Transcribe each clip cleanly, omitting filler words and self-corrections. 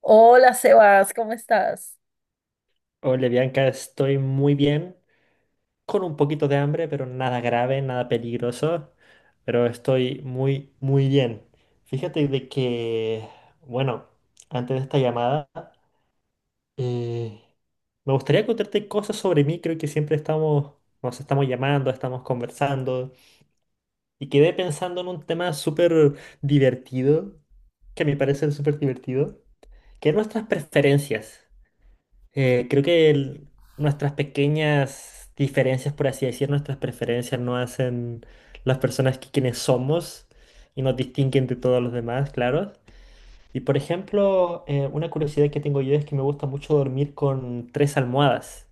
Hola Sebas, ¿cómo estás? Hola Bianca, estoy muy bien, con un poquito de hambre, pero nada grave, nada peligroso, pero estoy muy, muy bien. Fíjate de que, bueno, antes de esta llamada, eh, me gustaría contarte cosas sobre mí. Creo que siempre nos estamos llamando, estamos conversando, y quedé pensando en un tema súper divertido, que a mi parecer es súper divertido, que es nuestras preferencias. Creo que nuestras pequeñas diferencias, por así decir, nuestras preferencias no hacen las personas que quienes somos y nos distinguen de todos los demás, claro. Y por ejemplo, una curiosidad que tengo yo es que me gusta mucho dormir con tres almohadas.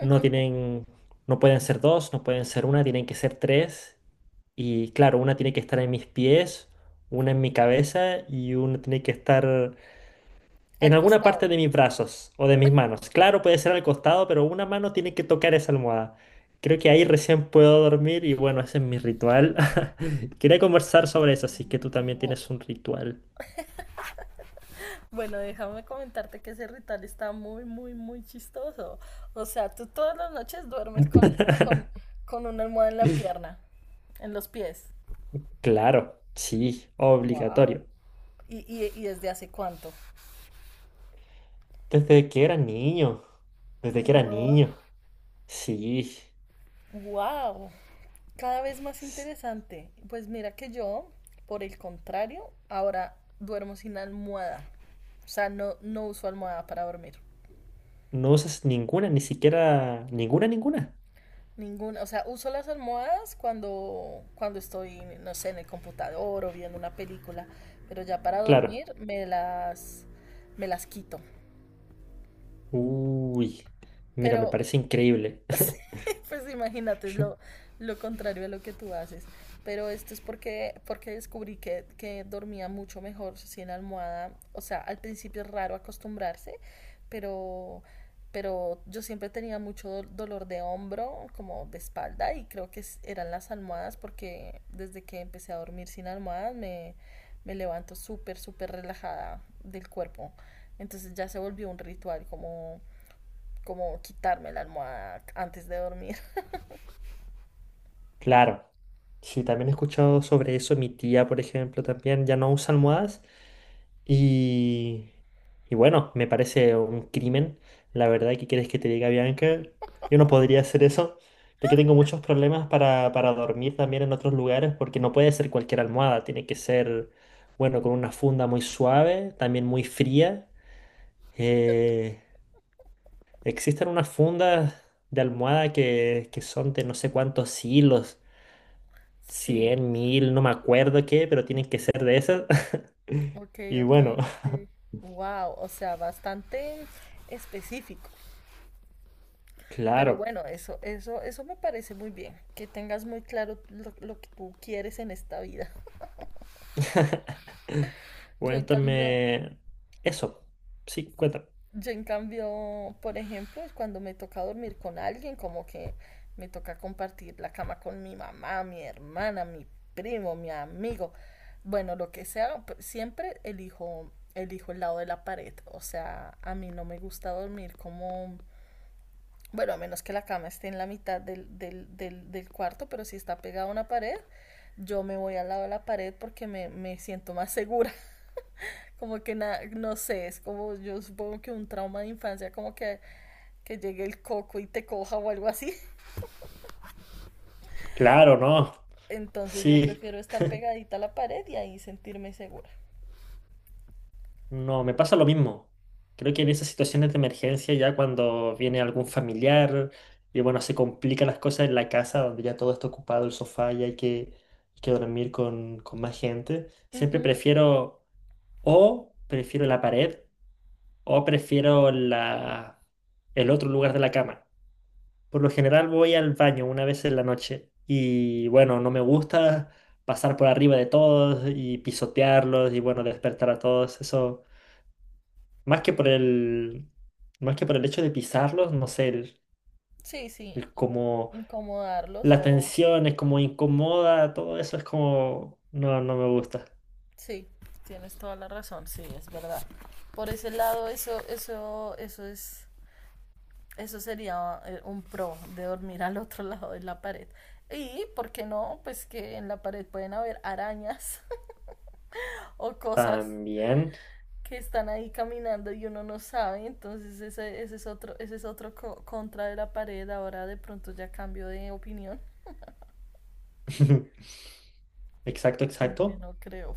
No tienen, no pueden ser dos, no pueden ser una, tienen que ser tres. Y claro, una tiene que estar en mis pies, una en mi cabeza y una tiene que estar en Al alguna parte costado. de mis brazos o de mis manos. Claro, puede ser al costado, pero una mano tiene que tocar esa almohada. Creo que ahí recién puedo dormir y bueno, ese es mi ritual. Quería conversar sobre eso, así que tú también tienes un ritual. Bueno, déjame comentarte que ese ritual está muy, muy, muy chistoso. O sea, tú todas las noches duermes con, con una almohada en la pierna, en los pies. Claro, sí, Wow. obligatorio. ¿Y, y desde hace cuánto? Desde que era niño, desde que era Wow. niño, sí. Wow. Cada vez más S- interesante. Pues mira que yo, por el contrario, ahora duermo sin almohada. O sea, no, no uso almohada para dormir. No usas ninguna, ni siquiera ninguna, ninguna. Ninguna, o sea, uso las almohadas cuando, cuando estoy, no sé, en el computador o viendo una película, pero ya para Claro. dormir me las quito. Uy, mira, me Pero parece increíble. Pues imagínate, es lo contrario a lo que tú haces. Pero esto es porque, porque descubrí que dormía mucho mejor sin almohada. O sea, al principio es raro acostumbrarse, pero, pero yo siempre tenía mucho dolor de hombro, como de espalda, y creo que eran las almohadas, porque desde que empecé a dormir sin almohadas me levanto súper, súper relajada del cuerpo. Entonces ya se volvió un ritual como, como quitarme la almohada antes de dormir. Claro. Sí, también he escuchado sobre eso. Mi tía, por ejemplo, también ya no usa almohadas. Y, y bueno, me parece un crimen. La verdad, ¿qué quieres que te diga, Bianca? Yo no podría hacer eso. Yo que tengo muchos problemas para dormir también en otros lugares, porque no puede ser cualquier almohada. Tiene que ser, bueno, con una funda muy suave, también muy fría. Eh, Existen unas fundas de almohada que son de no sé cuántos hilos, Sí, 100.000 no me acuerdo qué, pero tienen que ser de esas. ok, Y ok, bueno, ok. Wow, o sea, bastante específico. Pero claro. bueno, eso me parece muy bien, que tengas muy claro lo que tú quieres en esta vida. Yo en cambio, Cuéntame eso. Sí, sí. cuéntame. Yo en cambio, por ejemplo, cuando me toca dormir con alguien, como que me toca compartir la cama con mi mamá, mi hermana, mi primo, mi amigo, bueno, lo que sea, siempre elijo, elijo el lado de la pared. O sea, a mí no me gusta dormir como, bueno, a menos que la cama esté en la mitad del cuarto, pero si está pegada a una pared, yo me voy al lado de la pared porque me siento más segura. Como que no sé, es como yo supongo que un trauma de infancia, como que llegue el coco y te coja o algo así. Claro, no. Entonces yo Sí, prefiero estar pegadita a la pared y ahí sentirme segura. no, me pasa lo mismo. Creo que en esas situaciones de emergencia, ya cuando viene algún familiar y bueno, se complican las cosas en la casa, donde ya todo está ocupado, el sofá y hay que dormir con, más gente, siempre Ujú, prefiero, o prefiero la pared o prefiero el otro lugar de la cama. Por lo general voy al baño una vez en la noche y bueno, no me gusta pasar por arriba de todos y pisotearlos y bueno, despertar a todos. Eso, más que por el, más que por el hecho de pisarlos, no sé, el, sí, sí, el como incomodarlos la o... tensión es como incomoda, todo eso es como, no, no me gusta. Sí, tienes toda la razón, sí, es verdad. Por ese lado, eso es, eso sería un pro de dormir al otro lado de la pared. Y, ¿por qué no? Pues que en la pared pueden haber arañas o cosas También. que están ahí caminando y uno no sabe, entonces ese, ese es otro contra de la pared, ahora de pronto ya cambio de opinión, Exacto, aunque exacto. no creo.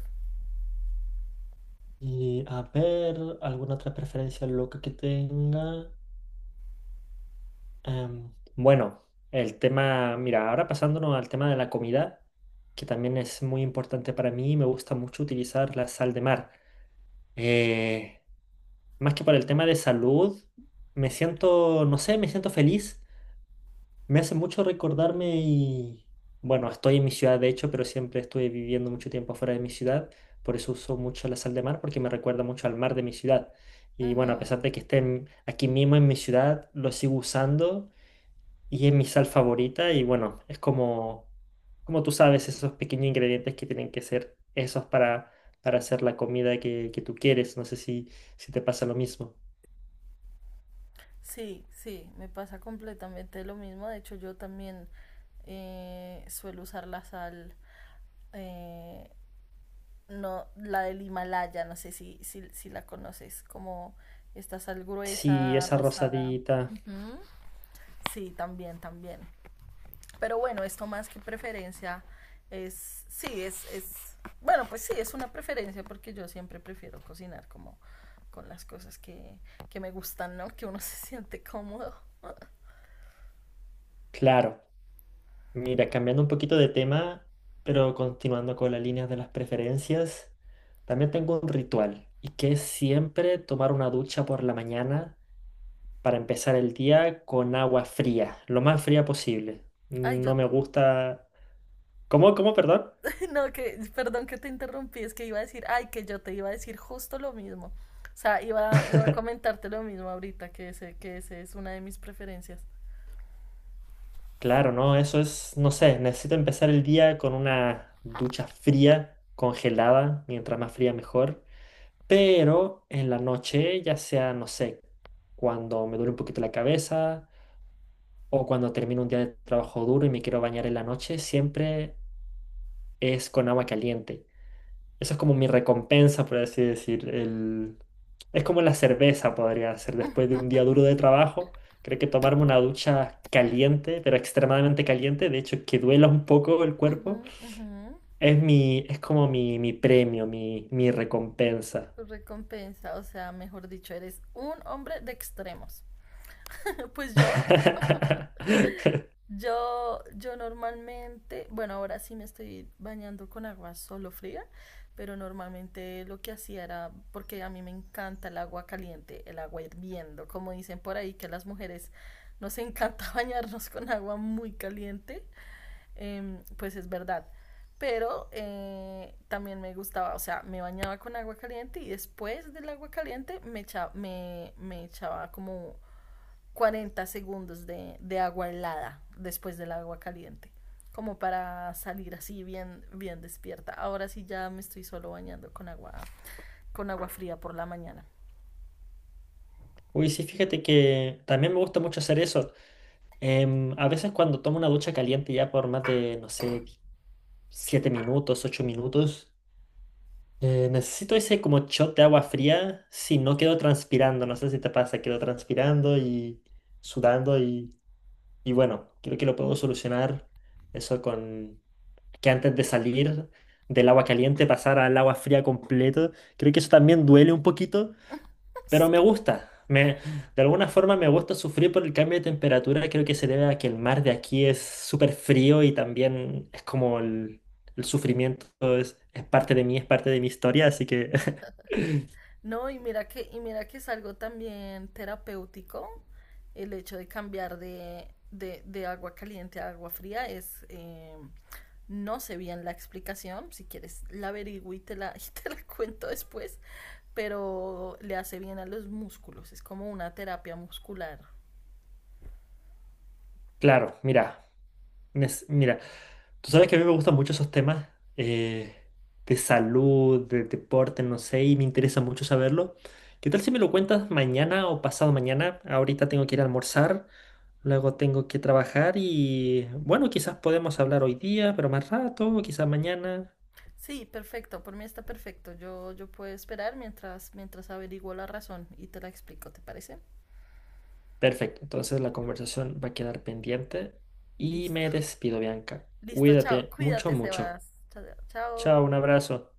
Y a ver, ¿alguna otra preferencia loca que tenga? Bueno, mira, ahora pasándonos al tema de la comida, que también es muy importante para mí, me gusta mucho utilizar la sal de mar. Eh, Más que por el tema de salud, me siento, no sé, me siento feliz, me hace mucho recordarme y, bueno, estoy en mi ciudad de hecho, pero siempre estuve viviendo mucho tiempo fuera de mi ciudad, por eso uso mucho la sal de mar porque me recuerda mucho al mar de mi ciudad. Y bueno, a Ujú. pesar de que esté aquí mismo en mi ciudad, lo sigo usando y es mi sal favorita y bueno, es como, como tú sabes, esos pequeños ingredientes que tienen que ser esos para hacer la comida que tú quieres. No sé si te pasa lo mismo. Sí, sí, me pasa completamente lo mismo, de hecho yo también suelo usar la sal, eh, no, la del Himalaya, no sé si la conoces, como esta sal Sí, gruesa, esa rosada. rosadita. Ujú. Sí, también, también. Pero bueno, esto más que preferencia es, bueno, pues sí, es una preferencia porque yo siempre prefiero cocinar como con las cosas que me gustan, ¿no? Que uno se siente cómodo. Claro, mira, cambiando un poquito de tema, pero continuando con las líneas de las preferencias, también tengo un ritual y que es siempre tomar una ducha por la mañana para empezar el día con agua fría, lo más fría posible. Ay, yo, No me gusta. ¿Cómo? ¿Cómo? Perdón. no, que, perdón que te interrumpí, es que iba a decir, ay, que yo te iba a decir justo lo mismo. O sea, iba a comentarte lo mismo ahorita, que ese es una de mis preferencias. Claro, no, eso es, no sé, necesito empezar el día con una ducha fría, congelada, mientras más fría mejor. Pero en la noche, ya sea, no sé, cuando me duele un poquito la cabeza o cuando termino un día de trabajo duro y me quiero bañar en la noche, siempre es con agua caliente. Eso es como mi recompensa, por así decir. Es como la cerveza podría ser después de un día duro de trabajo. Creo que tomarme una ducha caliente, pero extremadamente caliente, de hecho que duela un poco el Ujú, cuerpo, ujú. Es como mi premio, mi recompensa. Tu recompensa, o sea, mejor dicho, eres un hombre de extremos. Pues yo, yo normalmente, bueno, ahora sí me estoy bañando con agua solo fría, pero normalmente lo que hacía era, porque a mí me encanta el agua caliente, el agua hirviendo, como dicen por ahí, que a las mujeres nos encanta bañarnos con agua muy caliente, pues es verdad. Pero también me gustaba, o sea, me bañaba con agua caliente y después del agua caliente me echaba como 40 segundos de agua helada después del agua caliente, como para salir así bien, bien despierta. Ahora sí ya me estoy solo bañando con agua fría por la mañana. Uy, sí, fíjate que también me gusta mucho hacer eso. A veces cuando tomo una ducha caliente ya por más de, no sé, 7 minutos, 8 minutos. Necesito ese como shot de agua fría, si no quedo transpirando, no sé si te pasa, quedo transpirando y sudando y bueno, creo que lo puedo solucionar eso con que antes de salir del agua caliente pasar al agua fría completo, creo que eso también duele un poquito, pero me Sí. gusta. De alguna forma me gusta sufrir por el cambio de temperatura. Creo que se debe a que el mar de aquí es súper frío y también es como el sufrimiento es parte de mí, es parte de mi historia. Así que, No, y mira que es algo también terapéutico el hecho de cambiar de agua caliente a agua fría es no sé bien la explicación, si quieres la averiguo y y te la cuento después, pero le hace bien a los músculos, es como una terapia muscular. claro, mira. Mira, tú sabes que a mí me gustan mucho esos temas, eh, de salud, de deporte, no sé, y me interesa mucho saberlo. ¿Qué tal si me lo cuentas mañana o pasado mañana? Ahorita tengo que ir a almorzar, luego tengo que trabajar y bueno, quizás podemos hablar hoy día, pero más rato, quizás mañana. Sí, perfecto, por mí está perfecto. Yo puedo esperar mientras, mientras averiguo la razón y te la explico, ¿te parece? Perfecto, entonces la conversación va a quedar pendiente y me Listo. despido, Bianca. Listo, chao. Cuídate mucho, Cuídate, mucho. Sebas. Chao. Chao, Chao. un abrazo.